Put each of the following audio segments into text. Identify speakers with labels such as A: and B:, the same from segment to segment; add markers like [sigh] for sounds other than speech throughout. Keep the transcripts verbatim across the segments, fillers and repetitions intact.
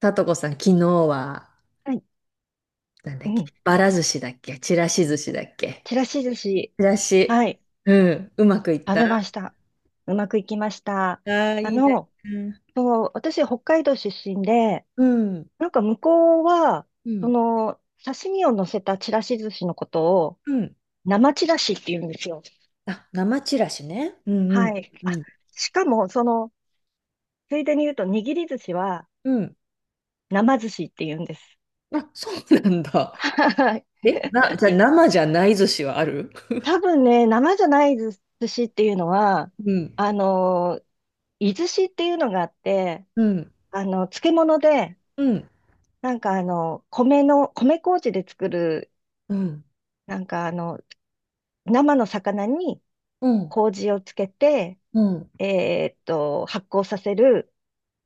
A: さとこさん、昨日は、
B: はい。
A: なんだ
B: う
A: っけ、
B: ん。
A: ばら寿司だっけ、ちらし寿司だっけ。
B: ちらし寿司。
A: ちらし。
B: はい。
A: うん、うまくいっ
B: 食
A: た
B: べま
A: あ
B: した。うまくいきました。
A: あー。
B: あ
A: いいね。
B: の、
A: うん、
B: そう、私、北海道出身で、
A: うん、
B: なんか向こうは、その、刺身を乗せたちらし寿司のことを、
A: うん。
B: 生ちらしって言うんですよ。
A: あ、生ちらしね。うん、う
B: はい。
A: ん、う
B: あ、
A: ん。
B: しかも、その、ついでに言うと、握り寿司は、
A: うん。
B: 生寿司って言うんです。
A: あ、そうなんだ。
B: はい。
A: え、な、じゃあ生じゃない寿司はある？
B: 多分ね、生じゃない寿司っていうのは、
A: うん、
B: あのー、いずしっていうのがあって、
A: うん、
B: あの、漬物で、
A: うん、
B: なんかあの、米の、米麹で作る、
A: うん、
B: なんかあの、生の魚に
A: うん、
B: 麹をつけて、
A: うん。
B: えーっと、発酵させる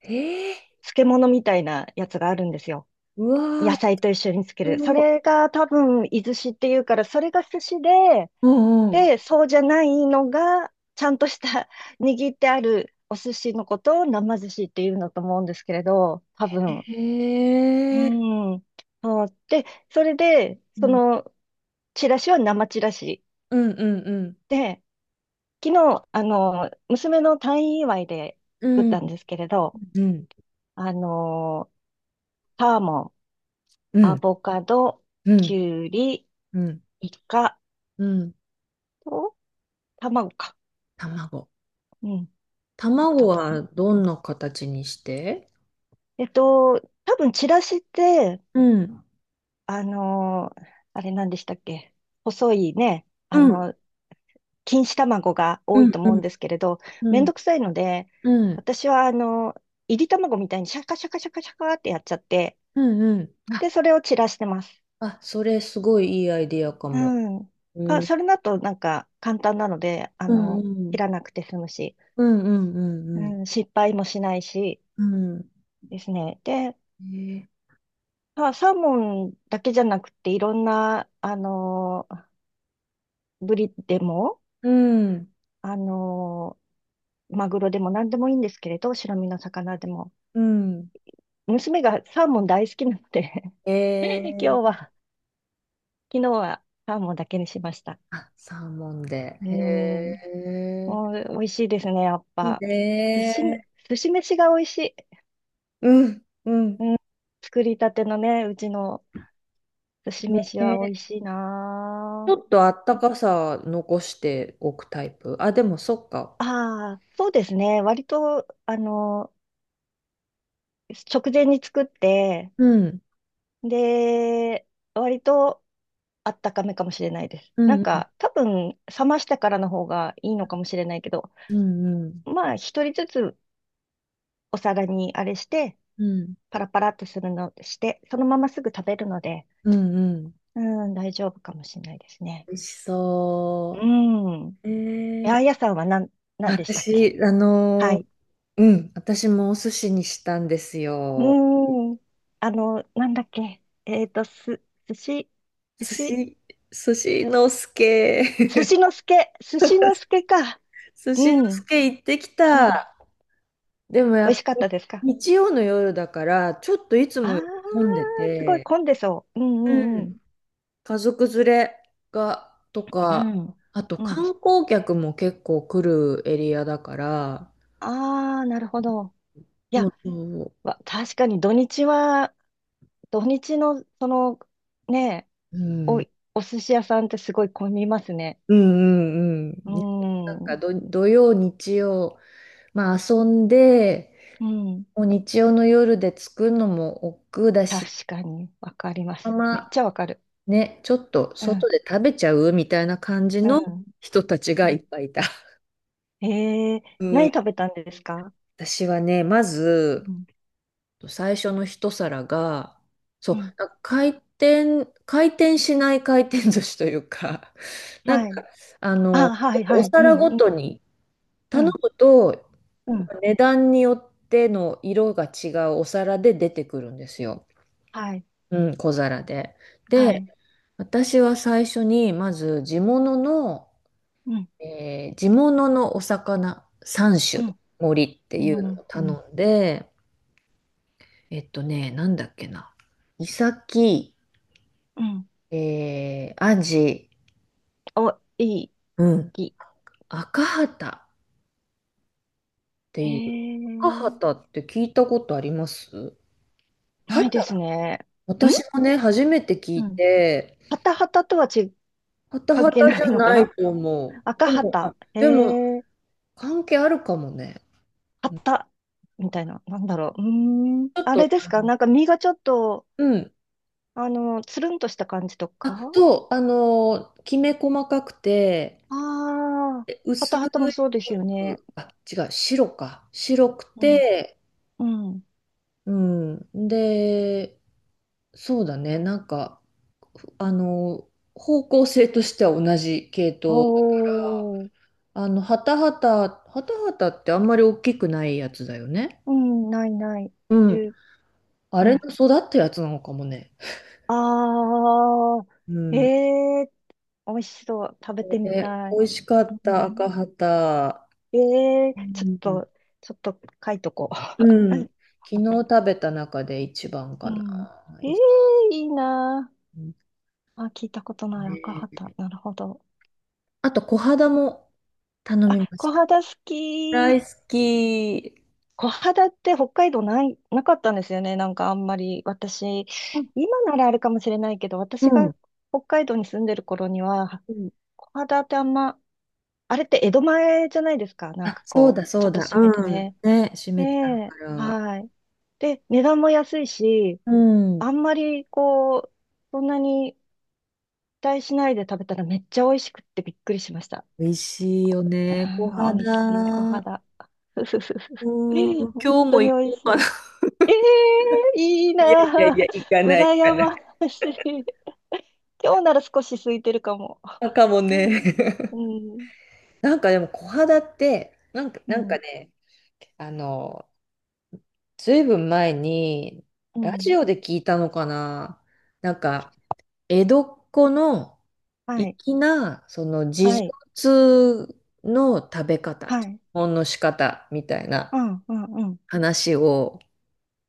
A: えー、
B: 漬物みたいなやつがあるんですよ。
A: うわ
B: 野
A: ー、
B: 菜と一緒につける。そ
A: お
B: れが多分、イズシっていうから、それが寿司で、
A: うん、うん。
B: で、そうじゃないのが、ちゃんとした [laughs] 握ってあるお寿司のことを生寿司っていうのと思うんですけれど、多分、
A: へ
B: う
A: え、
B: ん。そう。で、それで、
A: う
B: そ
A: ん、
B: の、チラシは生チラシ。
A: うん、うん、うん、
B: で、昨日、あの、娘の退院祝いで
A: う
B: 作っ
A: ん、
B: たんですけれど、
A: うん。
B: あの、サーモン、
A: う
B: ア
A: ん
B: ボカド、
A: う
B: キ
A: ん、
B: ュウリ、
A: うん、
B: イカ
A: うん。
B: と、卵か。
A: 卵。
B: うん、作っ
A: 卵
B: たったか
A: は
B: な。
A: どんな形にして？
B: えっと、多分チラシって、
A: うん。
B: あの、あれ何でしたっけ？細いね、あ
A: うん。
B: の、錦糸卵が多
A: う
B: い
A: ん、
B: と
A: う
B: 思うん
A: ん、
B: ですけれど、
A: う
B: めん
A: ん、
B: どくさいので、
A: うん、
B: 私はあの、いり卵みたいにシャカシャカシャカシャカってやっちゃって、
A: うん。
B: で、
A: あ、
B: それを散らしてます。
A: あ、それすごいいいアイディアかも。
B: うん。か、
A: うん、
B: それだとなんか簡単なので、あ
A: うん、
B: の、
A: う
B: 切
A: ん、
B: らなくて済むし、
A: うん、う
B: う
A: ん、うん。
B: ん、失敗もしないし
A: うん
B: ですね。で、
A: えー、
B: まあ、サーモンだけじゃなくて、いろんな、あの、ブリでも、
A: うん、
B: あの、マグロでも何でもいいんですけれど、白身の魚でも。
A: うん。
B: 娘がサーモン大好きなので
A: え
B: 今日
A: ー、
B: は、昨日はサーモンだけにしました。
A: あ、サーモンで。
B: うー
A: へ
B: ん、
A: え、
B: もう美味しいですね、やっ
A: いい
B: ぱ。寿司、
A: ね。
B: 寿司飯が美味しい。
A: うん、うん。
B: うん、作りたてのね、うちの寿司飯は美味しい
A: ち
B: な
A: ょっとあったかさ残しておくタイプ。あ、でもそっか。
B: あああ、そうですね。割と、あの、直前に作って、
A: うん。
B: で、割とあったかめかもしれないです。
A: う
B: なん
A: ん。
B: か、多分、冷ましてからの方がいいのかもしれないけど、
A: うん。うん。
B: まあ、一人ずつお皿にあれして、
A: うん。
B: パラパラっとするの、して、そのまますぐ食べるので、
A: うんうん、
B: うん、大丈夫かもしれないですね。
A: 美味し
B: う
A: そ
B: ん。
A: う。え
B: 八重
A: ー、
B: 屋さんは何、何でしたっけ？
A: 私、あ
B: は
A: の
B: い。
A: ーうん、私もお寿司にしたんですよ。
B: うん。あの、なんだっけえっと、す、寿司、寿
A: 寿
B: 司、
A: 司、寿司の助。
B: 寿
A: [laughs]
B: 司の助、寿司の助か。
A: 寿
B: う
A: 司の
B: ん、
A: 助行ってき
B: うん。
A: た。でもや
B: 美味
A: っぱ
B: しかっ
A: り
B: たですか？
A: 日曜の夜だから、ちょっといつ
B: ああ
A: も
B: ー、
A: より混んで
B: すごい
A: て、
B: 混んでそう。うん
A: う
B: うんうん。
A: ん、家族連れが、と
B: う
A: か、
B: ん。
A: あと
B: うん。
A: 観光客も結構来るエリアだから、
B: ああ、なるほど。い
A: も
B: や、
A: う、そ
B: わ確かに土日は土日の、その、ね、
A: う、う
B: お、
A: ん、
B: お寿司屋さんってすごい混みますね。
A: うんうんうん。
B: う
A: な
B: ん。
A: んか
B: う
A: ど土曜、日曜、まあ遊んで、
B: ん。
A: もう日曜の夜で着くのも億劫だし、
B: 確かに、わかりま
A: ま
B: す。めっ
A: ま
B: ちゃわかる。
A: ね、ちょっと
B: う
A: 外
B: ん。
A: で食べちゃうみたいな感じ
B: う
A: の
B: ん。
A: 人たち
B: う
A: がいっ
B: ん
A: ぱいいた。
B: えー、
A: う
B: 何
A: ん、
B: 食べたんですか？
A: 私はね、まず、
B: うん。
A: と最初の一皿が、そう、
B: う
A: な
B: ん。
A: んか回転、回転しない回転寿司というか、[laughs] なん
B: は
A: か、
B: い。
A: あの、
B: あ、はい、は
A: お
B: い。う
A: 皿ご
B: ん、うん、
A: とに
B: う
A: 頼
B: ん、
A: むと、
B: うん。
A: 値段によっての色が違うお皿で出てくるんですよ。
B: はい、
A: うん、小皿で。
B: は
A: で、
B: い。
A: 私は最初に、まず地物の、
B: うん、
A: えー地物のお魚三
B: う
A: 種
B: ん、
A: 盛りって
B: う
A: いうのを
B: ん、うん。
A: 頼んで、えっとね、なんだっけな。イサキ、
B: うん
A: えー、アジ、
B: お、いい、
A: うん。
B: いい。
A: 赤旗って
B: え
A: いう。赤
B: ー、
A: 旗って聞いたことあります？
B: な
A: 旗、
B: いですね。ん
A: 私もね、初めて聞
B: う
A: い
B: ん。
A: て、
B: ハタハタとはち、
A: 旗
B: 関係
A: 旗
B: な
A: じゃ
B: いのか
A: ない
B: な？
A: と思う。
B: 赤
A: でも、あ、
B: 旗。へ
A: でも、
B: え、
A: 関係あるかもね。うん、
B: 旗。みたいな。なんだろう。うーん。
A: ちょっ
B: あ
A: と、
B: れですか？なんか身がちょっと、
A: うん。
B: あの、つるんとした感じとか
A: あ、そう、あのーきめ細かくて、
B: ああー、
A: え薄
B: 旗
A: い
B: 旗もそうで
A: ピ
B: すよ
A: ン
B: ね。
A: ク、あ、違う、白か。白く
B: うん。
A: て、
B: うん。
A: うん。で、そうだね。なんか、ふあの、方向性としては同じ系
B: お
A: 統。
B: ー。
A: あの、ハタハタ、ハタハタってあんまり大きくないやつだよね。
B: うん、ないない。
A: う
B: じ
A: ん。
B: ゅ
A: あ
B: う
A: れ
B: ん。
A: の育ったやつなのかもね。
B: ああ、
A: う
B: え
A: ん。
B: えー、美味しそう。食べてみ
A: で、
B: た
A: 美
B: い。
A: 味しかっ
B: う
A: た赤
B: ん、
A: ハタ。
B: ええ
A: う
B: ー、ちょっ
A: ん。
B: と、ちょっと書いとこう。
A: うん。
B: [laughs]
A: 昨日
B: あった
A: 食べた中で一番
B: う
A: か
B: ん。
A: な。
B: え
A: い
B: え
A: いで
B: ー、いいな。あ、聞いたことない赤
A: す
B: 旗。
A: ね。
B: なるほど。
A: あと、小肌も頼
B: あ、
A: みまし
B: 小
A: た。
B: 肌好
A: 大好
B: き。
A: き。
B: 小肌って北海道ない、なかったんですよね。なんかあんまり私、
A: あ
B: 今ならあるかもしれないけど、
A: う
B: 私が
A: ん。
B: 北海道に住んでる頃には、小肌ってあんま、あれって江戸前じゃないですか。なん
A: あ、
B: か
A: そう
B: こう、
A: だそ
B: ちょっ
A: う
B: と
A: だ。
B: 閉めて
A: うん。
B: ね。
A: ね、閉
B: え
A: めてあるか
B: え、
A: ら。
B: はい。で、値段も安いし、
A: うん。
B: あんまりこう、そんなに期待しないで食べたらめっちゃ美味しくってびっくりしました。
A: 美味しいよ
B: あ
A: ね。小
B: ー、美味しい、小
A: 肌。
B: 肌。[laughs] ふふふふ
A: うん。
B: 本
A: 今日
B: 当
A: も
B: に
A: 行
B: 美味
A: こう
B: し
A: か
B: い。
A: な。[laughs]
B: ええいい
A: いやいや
B: な
A: い
B: あ。
A: や、行かない、行
B: 羨
A: かない。
B: ましい。今日なら少し空いてるかも。
A: あ、かも
B: う
A: ね。
B: ん、う
A: [laughs]
B: ん、
A: なんかでも小肌って、なんか、
B: う
A: なんか
B: ん。
A: ね、あの、ずいぶん前に、
B: う
A: ラジ
B: ん
A: オで聞いたのかな。なんか、江戸っ子の
B: はい、
A: 粋な、その自
B: は
A: 助
B: い、
A: 通の食べ方、
B: は
A: 基
B: い。
A: 本の仕方みたい
B: う
A: な
B: ん、うん、うん。
A: 話を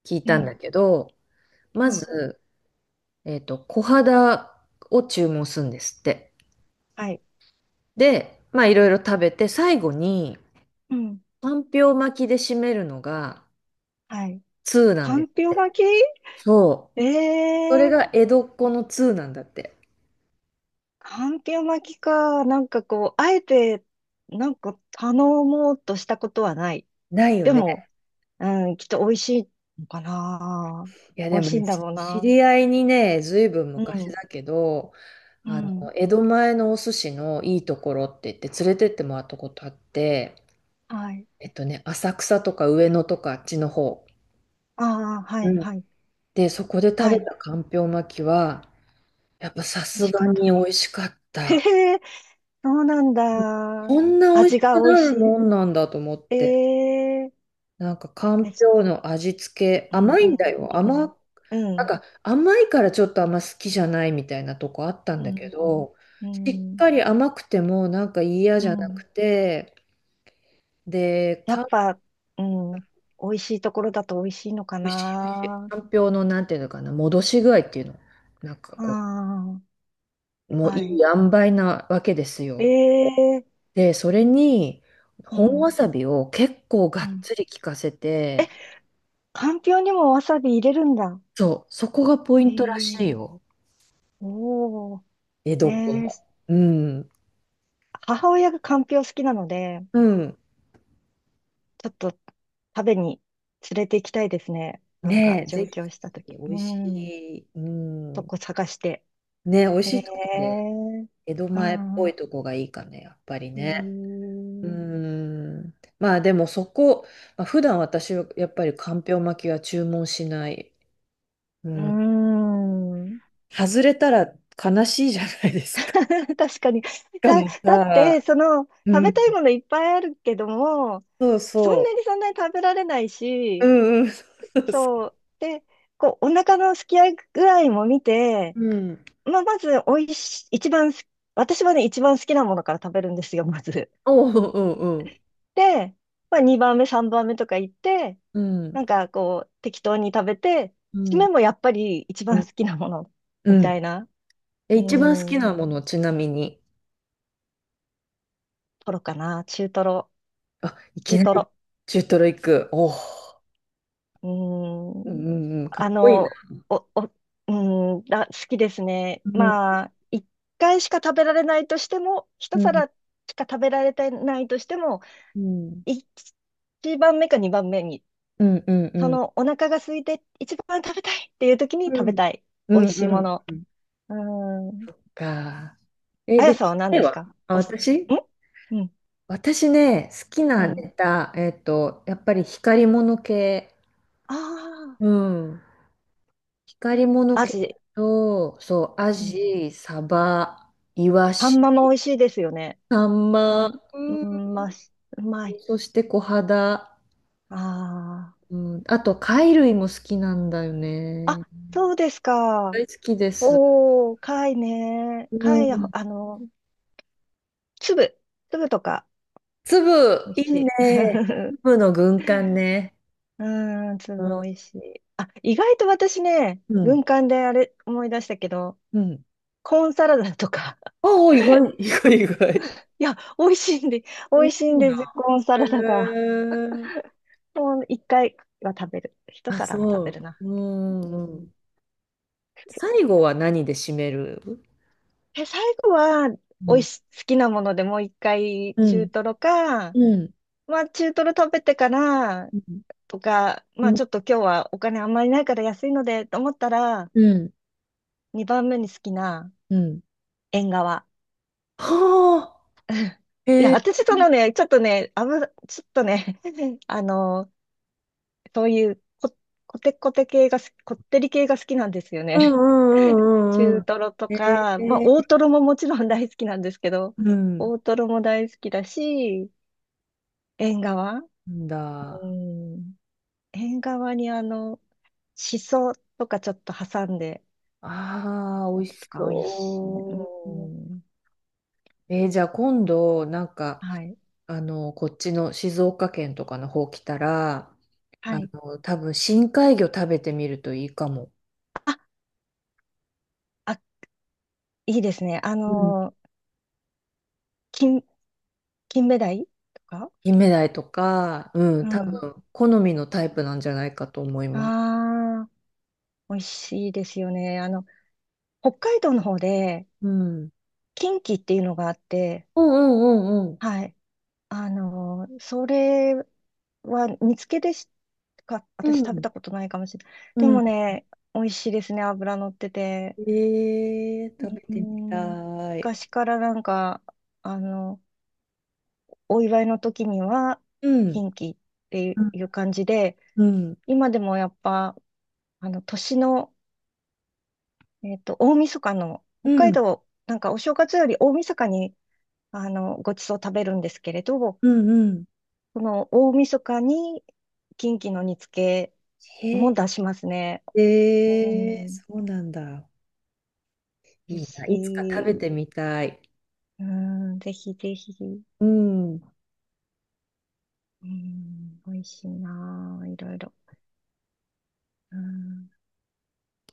A: 聞い
B: え
A: たん
B: え、
A: だけど、
B: う
A: ま
B: ん、
A: ず、えっと、小肌を注文するんですって。
B: はい、
A: で、まあいろいろ食べて、最後に、
B: うん、
A: かんぴょう巻きで締めるのが
B: はい。
A: 通なん
B: か
A: です
B: んぴ
A: っ
B: ょう
A: て。
B: 巻き？
A: そう。
B: え
A: それ
B: え
A: が江戸っ子の通なんだって。
B: かんぴょう巻きか。なんかこう、あえて、なんか頼もうとしたことはない。
A: ないよ
B: で
A: ね。
B: も、うん、きっと美味しいのかな。
A: いや、
B: 美
A: で
B: 味
A: も
B: しい
A: ね、
B: んだ
A: し
B: ろう
A: 知
B: な。
A: り合いにね、ずいぶん
B: う
A: 昔
B: ん、
A: だけど、
B: う
A: あの、
B: ん、
A: 江戸前のお寿司のいいところって言って連れてってもらったことあって、
B: はい。
A: えっとね、浅草とか上野とかあっちの方。
B: ああ、は
A: う
B: い、
A: ん。
B: はい、
A: で、そこで食
B: は
A: べ
B: い。
A: たかんぴょう巻きは、やっぱさ
B: 美
A: す
B: 味しか
A: が
B: っ
A: に美
B: た。
A: 味しかっ
B: [laughs] へ
A: た。
B: え、そうなん
A: うん、
B: だ。
A: こんな美味
B: 味
A: し
B: が
A: く
B: 美味
A: な
B: し
A: る
B: い。
A: もんなんだと思って。
B: え
A: なんかか
B: ー、え、
A: んぴ
B: し
A: ょうの味付け、
B: うん、
A: 甘
B: う
A: いんだ
B: ん、
A: よ。
B: う
A: 甘
B: ん、う
A: なん
B: ん、
A: か甘いからちょっとあんま好きじゃないみたいなとこあったん
B: う
A: だけ
B: ん、
A: ど、
B: う
A: しっ
B: ん。
A: かり甘くてもなんか嫌
B: う
A: じゃなく
B: ん
A: て、で、
B: や
A: か
B: っ
A: ん、
B: ぱ、うん、美味しいところだと美味しいのかな。
A: かんぴょうのなんていうのかな、戻し具合っていうの、なんかこ
B: あ
A: う、
B: あ、
A: もうい
B: はい。
A: い塩梅なわけです
B: え
A: よ。
B: え、
A: で、それに
B: う
A: 本わ
B: ん、
A: さびを結構が
B: う
A: っ
B: ん。
A: つり効かせて、
B: かんぴょうにもわさび入れるんだ。
A: そう、そこがポイントら
B: え
A: しい
B: え
A: よ。
B: お
A: 江戸
B: お
A: っ子
B: ええ
A: の。うん。
B: 母親がかんぴょう好きなので、
A: うん。
B: ちょっと食べに連れて行きたいですね。なんか
A: ねえ、ぜ
B: 上京したと
A: ひ、美
B: きう
A: 味し
B: ん。
A: い。う
B: と
A: ん。
B: こ探して。
A: ね、美味
B: え
A: しいとこで、
B: え
A: 江戸
B: う
A: 前っ
B: ん
A: ぽい
B: う
A: とこがいいかね、やっぱり
B: え
A: ね。う
B: え
A: ーん。まあでもそこ、まあ、普段私はやっぱりかんぴょう巻きは注文しない。う
B: うー
A: ん。
B: ん。
A: 外れたら悲しいじゃないですか。し
B: [laughs] 確かに。
A: か
B: だ、
A: も
B: だっ
A: さ、
B: て、その、食
A: う
B: べたい
A: ん。
B: ものいっぱいあるけども、
A: そう
B: そんな
A: そ
B: にそんなに食べられない
A: う。う
B: し、
A: んうん。そうそう。
B: そう。で、こう、お腹のすき合い具合も見て、
A: うん。
B: まあ、まず、おいし、一番す、私はね、一番好きなものから食べるんですよ、[laughs] まず。
A: おうおうおう。
B: で、まあ、にばんめ、さんばんめとか行って、
A: うん。
B: なんか、こう、適当に食べて、
A: う
B: 締
A: ん。
B: めもやっぱり一
A: う
B: 番
A: ん。
B: 好きなもの、み
A: う
B: た
A: ん。
B: いな。
A: え、
B: う
A: 一番好き
B: ー
A: な
B: ん、
A: もの、ちなみに？
B: トロかな、中トロ、
A: あ、いき
B: 中
A: なり
B: トロ。
A: 中トロ行く。おお。
B: うー
A: う
B: ん。
A: んうんうん。か
B: あ
A: っこいいな。
B: の、お、お、うーん、あ、好きですね。
A: うん
B: まあ、一回しか食べられないとしても、一
A: うん、
B: 皿しか食べられてないとしても、
A: うん、
B: 一番目か二番目に、
A: うん、うん、う
B: そ
A: ん、
B: のお腹が空いて一番食べたいっていう時に
A: う
B: 食べ
A: ん、
B: たい。
A: う
B: 美味
A: ん、
B: しい
A: う
B: も
A: ん
B: の。
A: うん
B: うーん。
A: か。
B: あ
A: え、
B: や
A: で、
B: さ
A: ち
B: ん
A: っ
B: は何
A: ちゃい
B: です
A: わ。
B: か
A: あ、
B: おす、
A: 私
B: んうん、
A: 私ね、好き
B: う
A: な
B: ん。
A: ネタ、えっと、やっぱり光り物系。
B: あ
A: うん。光り物
B: あ、ア
A: 系
B: ジ。
A: と、そう、ア
B: うん。
A: ジ、サバ、イワ
B: 半
A: シ、
B: マも美味しいですよね。
A: サン
B: あ
A: マ、
B: ん、
A: うん、
B: うん、まあ、しうまい。
A: そして小肌。
B: ああ。
A: うん、あと、貝類も好きなんだよ
B: あ、
A: ね。
B: そうです
A: 大
B: か。
A: 好きです。
B: おー、貝ね。
A: う
B: 貝、あ
A: ん。
B: の、粒、粒とか、
A: 粒、
B: 美味
A: いい
B: しい。
A: ね。
B: [laughs]
A: 粒の軍艦ね。
B: うーん、
A: う
B: 粒
A: ん、
B: 美味しい。あ、意外と私ね、
A: うん、
B: 軍艦であれ思い出したけど、
A: うん。
B: コーンサラダとか、[laughs]
A: おお、意外、[laughs] 意外、意外。
B: いや、美味しいんで、美
A: 美味
B: 味しい
A: し
B: ん
A: い
B: で
A: な。
B: すよ、コーンサラダが。
A: へえ。
B: [laughs] もう一回は食べる。一
A: あ、
B: 皿は食
A: そ
B: べ
A: う。
B: るな。
A: う
B: う
A: ん。う
B: ん
A: ん、最後は何で締める？
B: え、最後は、
A: う
B: おい
A: ん、
B: し、好きなものでもう一回
A: う
B: 中
A: ん、
B: トロか、
A: うん、
B: まあ中トロ食べてから
A: うん、
B: とか、まあ
A: うん、
B: ちょっと今日はお金あんまりないから安いのでと思ったら、
A: うん。
B: にばんめに好きな
A: うん、
B: 縁側。
A: はあ、
B: [laughs] い
A: へ
B: や、
A: え、
B: 私そのね、ちょっとね、あぶ、ちょっとね、[laughs] あの、そういうこ、こてこて系が好き、こってり系が好きなんですよ
A: う
B: ね。[laughs]
A: んうんうんうんう
B: 中トロと
A: ん。へ
B: か、まあ大
A: え、
B: トロももちろん大好きなんですけど、
A: うん、
B: 大トロも大好きだし、縁側。
A: なん
B: う
A: だ。
B: ん。縁側にあの、しそとかちょっと挟んで、
A: ああ、美
B: や
A: 味
B: つ
A: し
B: とか美味しい。う
A: そう。
B: ん。
A: えーじゃあ今度、なんか、
B: はい。
A: あの、こっちの静岡県とかの方来たら、
B: は
A: あ
B: い。
A: の、多分深海魚食べてみるといいかも。
B: あ、あ、いいですね。あ
A: うん。
B: の、金、金目鯛とか
A: キンメダイとか、う
B: う
A: ん、多
B: ん。
A: 分好みのタイプなんじゃないかと思います。
B: ああ、美味しいですよね。あの、北海道の方で、
A: うん。
B: 近畿っていうのがあって、
A: うんうんうんうん。
B: はい。あの、それは煮付けでしか、
A: う
B: 私食べ
A: ん。
B: たことないかもしれない。で
A: うん。
B: もね、美味しいですね。脂乗ってて。
A: えー、食べ
B: う
A: てみ
B: ん。
A: たい。
B: 昔からなんか、あの、お祝いの時には、
A: うん。
B: 近畿って
A: う
B: いう
A: ん。
B: 感じで、
A: うん。
B: 今でもやっぱ、あの、年の、えっと、大晦日の、
A: う
B: 北海
A: ん。
B: 道、なんかお正月より大晦日に、あの、ごちそう食べるんですけれど、
A: うん。
B: この大晦日に、近畿の煮付
A: へ
B: け
A: え、
B: も出しますね。う
A: えー、
B: ん、
A: そうなんだ。
B: 美味
A: いいな。いつか食
B: しい。
A: べてみたい。
B: うん、ぜひぜひ。
A: うん。
B: うん、美味しいなあ、いろいろ。うん